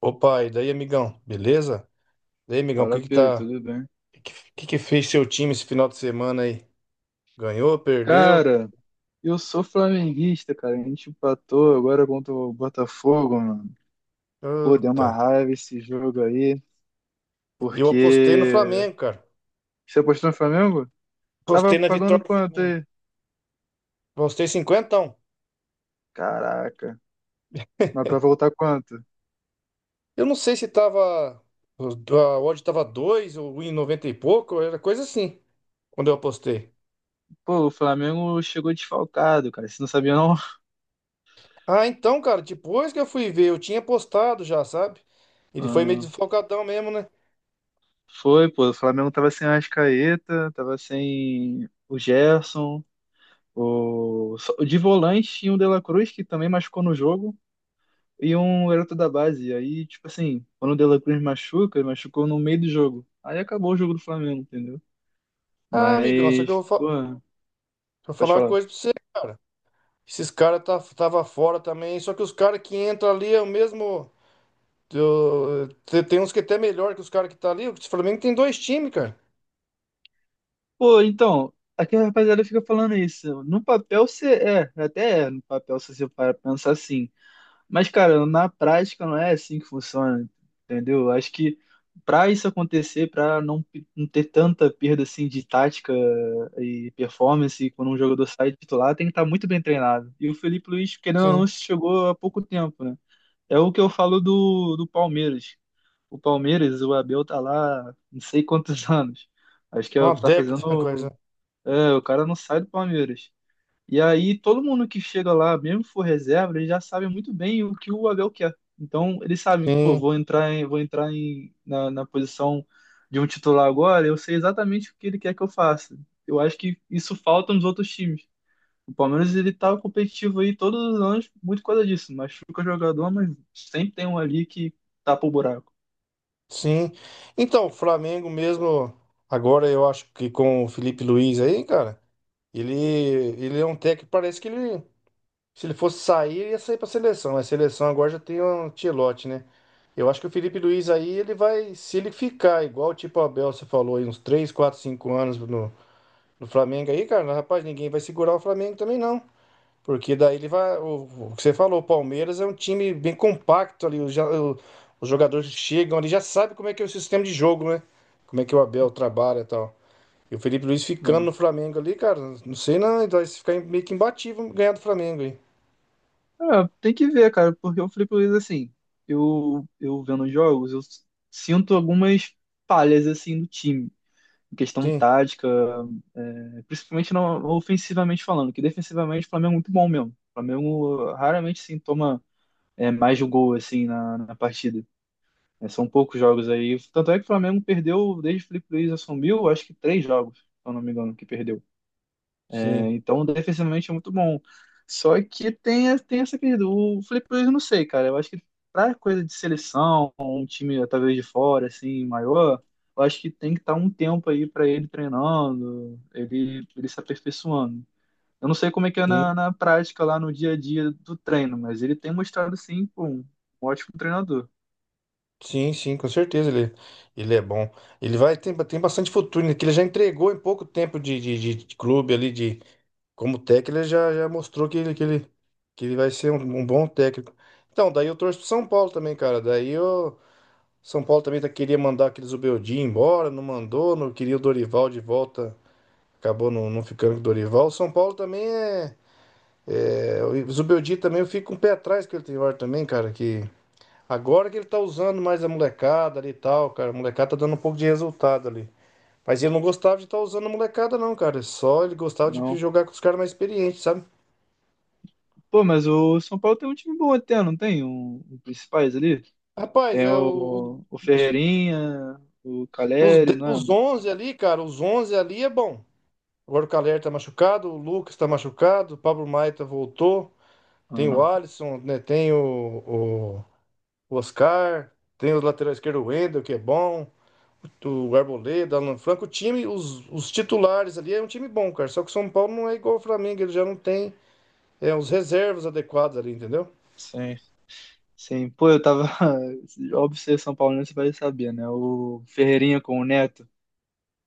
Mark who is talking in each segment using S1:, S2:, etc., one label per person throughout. S1: Opa, e daí, amigão? Beleza? E aí, amigão, o
S2: Fala,
S1: que que
S2: Pedro,
S1: tá.
S2: tudo bem?
S1: O que que fez seu time esse final de semana aí? Ganhou, perdeu?
S2: Cara, eu sou flamenguista, cara. A gente empatou agora contra o Botafogo, mano. Pô, deu uma
S1: Puta.
S2: raiva esse jogo aí,
S1: Eu apostei no
S2: porque.
S1: Flamengo, cara.
S2: Você apostou no Flamengo? Tava
S1: Apostei na
S2: pagando
S1: vitória do
S2: quanto
S1: Flamengo.
S2: aí?
S1: Apostei 50.
S2: Caraca. Mas pra voltar quanto?
S1: Eu não sei se tava. A odd tava 2 ou em 90 e pouco, era coisa assim, quando eu apostei.
S2: Pô, o Flamengo chegou desfalcado, cara. Você não sabia, não?
S1: Ah, então, cara, depois que eu fui ver, eu tinha apostado já, sabe? Ele foi meio
S2: Ah,
S1: desfalcadão mesmo, né?
S2: foi, pô. O Flamengo tava sem Arrascaeta, tava sem o Gerson. De volante tinha o De La Cruz, que também machucou no jogo. E um garoto da base. Aí, tipo assim, quando o De La Cruz machuca, ele machucou no meio do jogo. Aí acabou o jogo do Flamengo, entendeu?
S1: Ah, amigão, só que eu
S2: Mas,
S1: vou, fa-
S2: pô,
S1: vou
S2: pode
S1: falar uma
S2: falar.
S1: coisa pra você. Esses caras tava fora também. Só que os caras que entram ali é o mesmo. Tem uns que é até melhor que os caras que tá ali. O Flamengo tem dois times, cara.
S2: Pô, então, aqui a rapaziada fica falando isso. No papel você é, até é, no papel se você para pensar assim. Mas, cara, na prática não é assim que funciona, entendeu? Acho que para isso acontecer, para não ter tanta perda assim de tática e performance quando um jogador sai de titular, tem que estar muito bem treinado. E o Felipe Luiz, querendo ou não,
S1: Sim.
S2: chegou há pouco tempo, né? É o que eu falo do Palmeiras. O Palmeiras, o Abel tá lá não sei quantos anos. Acho que
S1: É
S2: é o
S1: uma
S2: que tá
S1: década
S2: fazendo.
S1: coisa.
S2: É, o cara não sai do Palmeiras. E aí todo mundo que chega lá, mesmo que for reserva, eles já sabem muito bem o que o Abel quer. Então eles sabem que, pô,
S1: Sim,
S2: vou entrar na, na posição de um titular agora, eu sei exatamente o que ele quer que eu faça. Eu acho que isso falta nos outros times. O Palmeiras ele tá competitivo aí todos os anos, muito coisa disso. Machuca jogador, mas sempre tem um ali que tapa o buraco.
S1: sim. Então, o Flamengo mesmo, agora eu acho que com o Felipe Luiz aí, cara, ele é um técnico, que parece que ele. Se ele fosse sair, ele ia sair para seleção. A seleção agora já tem um Ancelotti, né? Eu acho que o Felipe Luiz aí, ele vai, se ele ficar igual tipo o Abel, você falou, aí uns 3 4 5 anos no Flamengo aí, cara, rapaz, ninguém vai segurar o Flamengo também não. Porque daí ele vai, o que você falou, o Palmeiras é um time bem compacto ali, os jogadores chegam ali, já sabe como é que é o sistema de jogo, né? Como é que o Abel trabalha e tal. E o Felipe Luiz ficando no
S2: É,
S1: Flamengo ali, cara, não sei não, ele vai ficar meio que imbatível ganhar do Flamengo aí.
S2: é, tem que ver, cara, porque o Felipe Luiz, assim, eu vendo os jogos, eu sinto algumas falhas, assim, do time. Em questão
S1: Sim.
S2: tática, é, principalmente no, ofensivamente falando, que defensivamente o Flamengo é muito bom mesmo. O Flamengo raramente sim toma é, mais de um gol assim na partida. É, são poucos jogos aí. Tanto é que o Flamengo perdeu, desde que o Felipe Luiz assumiu, acho que três jogos, se eu não me engano, que perdeu, né?
S1: Sim,
S2: Então, defensivamente é muito bom. Só que tem essa questão. O Felipe Luiz, eu não sei, cara. Eu acho que pra coisa de seleção, um time talvez de fora, assim, maior, eu acho que tem que estar um tempo aí pra ele treinando, ele se aperfeiçoando. Eu não sei como é que é
S1: sim,
S2: na prática, lá no dia a dia do treino, mas ele tem mostrado, sim, pô, um ótimo treinador.
S1: sim, sim, com certeza ele, ele é bom. Ele tem bastante futuro, né? Que ele já entregou em pouco tempo de clube ali, de como técnico, ele já mostrou que ele vai ser um bom técnico. Então, daí eu torço pro São Paulo também, cara. Daí eu, São Paulo também tá, queria mandar aqueles Zubeldia embora, não mandou, não queria o Dorival de volta, acabou não ficando com o Dorival. O São Paulo também é o Zubeldia também eu fico com o pé atrás que ele tem agora também, cara, que agora que ele tá usando mais a molecada ali e tal, cara. A molecada tá dando um pouco de resultado ali. Mas ele não gostava de estar usando a molecada, não, cara. Só ele gostava de
S2: Não.
S1: jogar com os caras mais experientes, sabe?
S2: Pô, mas o São Paulo tem um time bom até, não tem? Um principais ali?
S1: Rapaz,
S2: Tem
S1: é
S2: o
S1: os,
S2: Ferreirinha, o
S1: os,
S2: Caleri,
S1: de-
S2: não é?
S1: os 11 ali, cara, os 11 ali é bom. Agora o Calher tá machucado, o Lucas tá machucado, o Pablo Maia voltou. Tem o
S2: Aham,
S1: Alisson, né? Tem o Oscar, tem o lateral esquerdo, o Wendel, que é bom. Do Arboleda, Alan Franco, o time, os titulares ali é um time bom, cara. Só que o São Paulo não é igual ao Flamengo, ele já não tem os reservas adequados ali, entendeu?
S2: sim, sim. Pô, eu tava. Óbvio, você é São Paulo, você vai saber, né? O Ferreirinha com o Neto.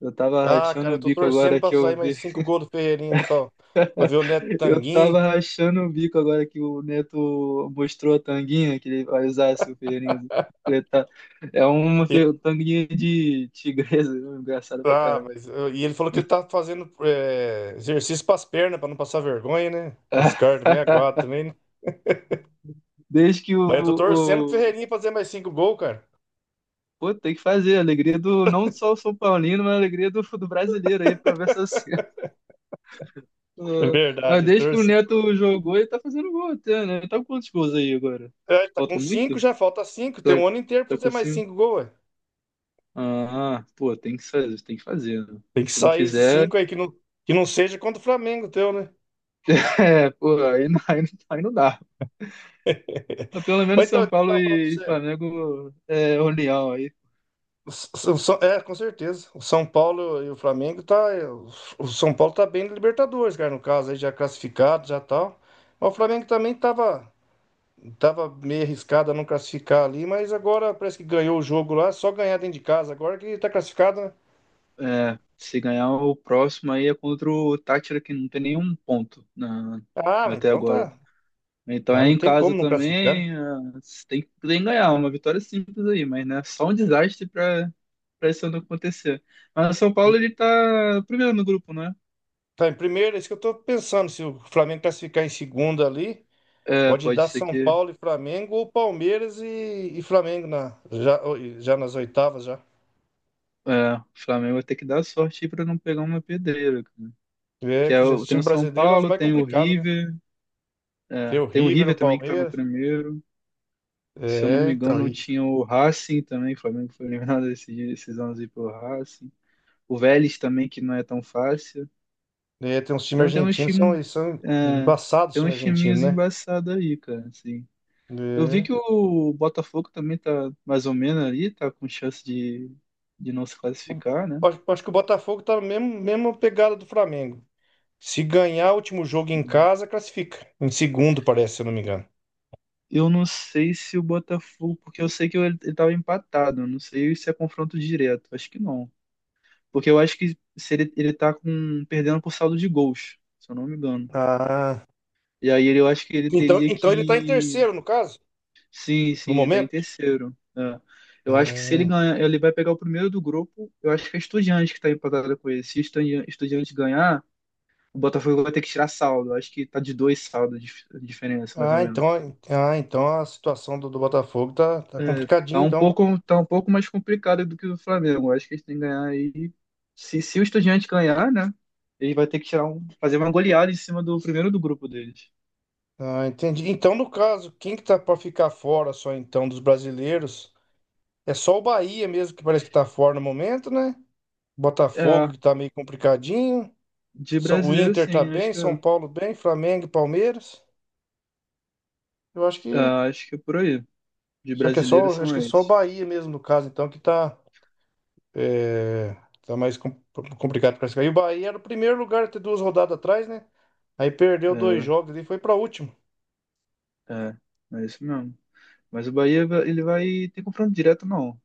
S2: Eu tava
S1: Ah,
S2: rachando
S1: cara,
S2: o
S1: eu tô
S2: bico
S1: torcendo
S2: agora
S1: pra
S2: que
S1: sair
S2: eu
S1: mais
S2: vi.
S1: cinco gols do Ferreirinha ali pra ver o Neto
S2: Eu tava
S1: Tanguin.
S2: rachando o bico agora que o Neto mostrou a tanguinha que ele vai usar se o Ferreirinha completar. É uma
S1: E,
S2: tanguinha de tigresa, engraçado pra
S1: ah,
S2: caralho.
S1: mas e ele falou que ele tá fazendo exercício pras pernas pra não passar vergonha, né? Os caras também aguardam também, né?
S2: Desde que
S1: Mas eu tô torcendo pro
S2: o,
S1: Ferreirinha fazer mais cinco gols, cara.
S2: Pô, tem que fazer. Alegria do, não só o São Paulino, mas a alegria do brasileiro aí, pra ver essa cena.
S1: É
S2: Ah,
S1: verdade,
S2: mas
S1: eu
S2: desde que o
S1: torci.
S2: Neto jogou, ele tá fazendo gol até, né? Ele tá com quantos gols aí agora?
S1: É, ele tá com
S2: Falta muito?
S1: cinco, já falta cinco. Tem
S2: Tá,
S1: um ano inteiro pra
S2: tá
S1: fazer
S2: com
S1: mais
S2: cinco?
S1: cinco gols, ué.
S2: Ah, pô, tem que fazer, tem que fazer, né?
S1: Tem que
S2: Se não
S1: sair esses
S2: fizer,
S1: cinco aí, que não seja contra o Flamengo teu, né?
S2: é, pô, aí não dá. Mas pelo
S1: Mas
S2: menos
S1: então,
S2: São
S1: eu
S2: Paulo
S1: tava falando pra
S2: e
S1: você.
S2: Flamengo é união aí.
S1: O S- o São- é, Com certeza. O São Paulo e o Flamengo tá. O São Paulo tá bem na Libertadores, cara, no caso, aí já classificado, já tal. Mas o Flamengo também tava meio arriscado a não classificar ali, mas agora parece que ganhou o jogo lá, só ganhar dentro de casa agora que tá classificado, né?
S2: É, se ganhar o próximo aí é contra o Táchira, que não tem nenhum ponto na,
S1: Ah,
S2: até
S1: então
S2: agora.
S1: tá.
S2: Então
S1: Ah,
S2: é
S1: não
S2: em
S1: tem
S2: casa
S1: como não classificar, né?
S2: também, ah, você tem que ganhar, uma vitória simples aí, mas né, só um desastre para para isso não acontecer. Mas o São Paulo
S1: E
S2: ele tá primeiro no grupo, né?
S1: tá em primeiro, é isso que eu tô pensando, se o Flamengo classificar em segundo ali.
S2: É,
S1: Pode
S2: pode
S1: dar
S2: ser
S1: São
S2: que
S1: Paulo e Flamengo ou Palmeiras e Flamengo já nas oitavas já.
S2: é, o Flamengo vai ter que dar sorte para não pegar uma pedreira, cara.
S1: É
S2: Que é,
S1: que já, o
S2: o- tem
S1: time
S2: o São
S1: brasileiro é os
S2: Paulo,
S1: mais
S2: tem o
S1: complicados, né?
S2: River,
S1: Tem
S2: é,
S1: o
S2: tem o
S1: River, o
S2: River também que tá no
S1: Palmeiras.
S2: primeiro. Se eu não
S1: É,
S2: me
S1: então.
S2: engano, tinha o Racing também, o Flamengo foi eliminado esses anos aí pelo Racing. O Vélez também, que não é tão fácil.
S1: Tem uns times
S2: Então tem uns
S1: argentinos,
S2: time,
S1: eles são
S2: é,
S1: embaçados os
S2: tem
S1: times
S2: uns
S1: argentinos,
S2: timinhos
S1: né?
S2: embaçados aí, cara, assim. Eu vi
S1: É.
S2: que o Botafogo também tá mais ou menos ali, tá com chance de não se classificar, né?
S1: Acho que o Botafogo tá na mesma pegada do Flamengo. Se ganhar o último jogo em
S2: Sim.
S1: casa, classifica. Em segundo, parece, se eu não me engano.
S2: Eu não sei se o Botafogo, porque eu sei que ele tava empatado, eu não sei se é confronto direto, acho que não. Porque eu acho que se ele, ele tá com, perdendo por saldo de gols, se eu não me engano.
S1: Ah.
S2: E aí ele, eu acho que ele
S1: Então,
S2: teria
S1: então ele tá em
S2: que
S1: terceiro, no caso,
S2: sim,
S1: no
S2: sim, ele tá em
S1: momento.
S2: terceiro. É. Eu acho que se ele
S1: É.
S2: ganhar, ele vai pegar o primeiro do grupo. Eu acho que é Estudiantes que tá empatada com ele. Se Estudiantes ganhar, o Botafogo vai ter que tirar saldo. Eu acho que tá de dois saldos de diferença, mais ou
S1: Ah, então,
S2: menos.
S1: ah, então a situação do Botafogo tá
S2: É,
S1: complicadinha, então.
S2: tá um pouco mais complicado do que o Flamengo. Eu acho que eles têm que ganhar aí. Se o Estudiante ganhar, né? Ele vai ter que tirar um, fazer uma goleada em cima do primeiro do grupo deles.
S1: Ah, entendi. Então, no caso, quem que tá pra ficar fora só então dos brasileiros? É só o Bahia mesmo que parece que tá fora no momento, né? Botafogo
S2: É,
S1: que tá meio complicadinho.
S2: de
S1: O
S2: brasileiro,
S1: Inter tá
S2: sim, acho
S1: bem,
S2: que é,
S1: São Paulo bem, Flamengo e Palmeiras. Eu acho
S2: é,
S1: que
S2: acho que é por aí. De
S1: só que é
S2: brasileiro
S1: só, acho
S2: são
S1: que é só o
S2: esses.
S1: Bahia mesmo no caso, então que é, tá mais complicado para classificar. E o Bahia era o primeiro lugar até duas rodadas atrás, né? Aí perdeu dois
S2: É,
S1: jogos e foi pra último.
S2: é, é isso mesmo. Mas o Bahia, ele vai ter confronto direto, não.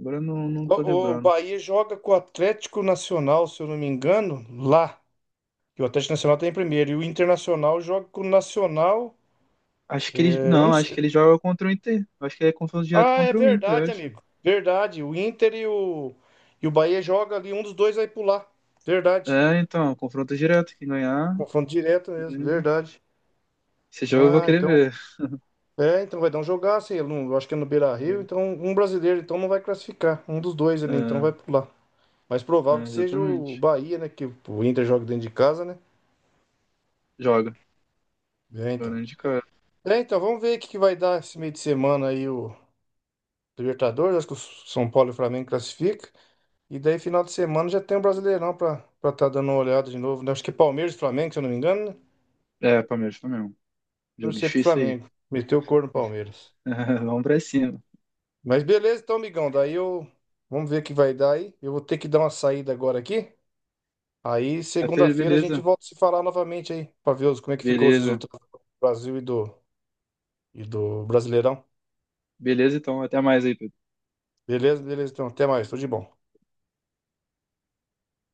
S2: Agora eu não, não
S1: O,
S2: tô
S1: o
S2: lembrando.
S1: Bahia joga com o Atlético Nacional, se eu não me engano, lá. E o Atlético Nacional tá em primeiro. E o Internacional joga com o Nacional.
S2: Acho que ele,
S1: Eu não
S2: não, acho
S1: sei.
S2: que ele joga contra o Inter. Acho que é confronto direto
S1: Ah, é
S2: contra o Inter, eu
S1: verdade,
S2: acho.
S1: amigo. Verdade. O Inter e o Bahia joga ali. Um dos dois vai pular. Verdade.
S2: É, então, confronto direto. Quem ganhar,
S1: Confronto direto
S2: é,
S1: mesmo. Verdade.
S2: esse jogo eu vou
S1: Ah,
S2: querer
S1: então.
S2: ver.
S1: É, então vai dar um jogaço aí. Eu acho que é no
S2: É,
S1: Beira-Rio. Então, um brasileiro então não vai classificar. Um dos dois ali, então
S2: é,
S1: vai pular. Mas
S2: é,
S1: provável que seja o
S2: exatamente.
S1: Bahia, né? Que o Inter joga dentro de casa, né?
S2: Joga.
S1: É, então.
S2: Joga de cara.
S1: É, então, vamos ver o que que vai dar esse meio de semana aí o Libertadores. Acho que o São Paulo e o Flamengo classificam. E daí, final de semana, já tem o Brasileirão pra estar tá dando uma olhada de novo, né? Acho que é Palmeiras e Flamengo, se eu não me engano, né?
S2: É, Palmeiras Flamengo. Jogo
S1: Torcer pro
S2: difícil aí.
S1: Flamengo. Meteu o corno no Palmeiras.
S2: Vamos pra cima.
S1: Mas beleza, então, amigão. Daí eu. Vamos ver o que vai dar aí. Eu vou ter que dar uma saída agora aqui. Aí,
S2: Tá, Fê?
S1: segunda-feira, a gente
S2: Beleza.
S1: volta a se falar novamente aí, pra ver como é que ficou os
S2: Beleza.
S1: resultados do Brasil e e do Brasileirão.
S2: Beleza, então. Até mais aí, Pedro.
S1: Beleza, beleza, então. Até mais. Tudo de bom.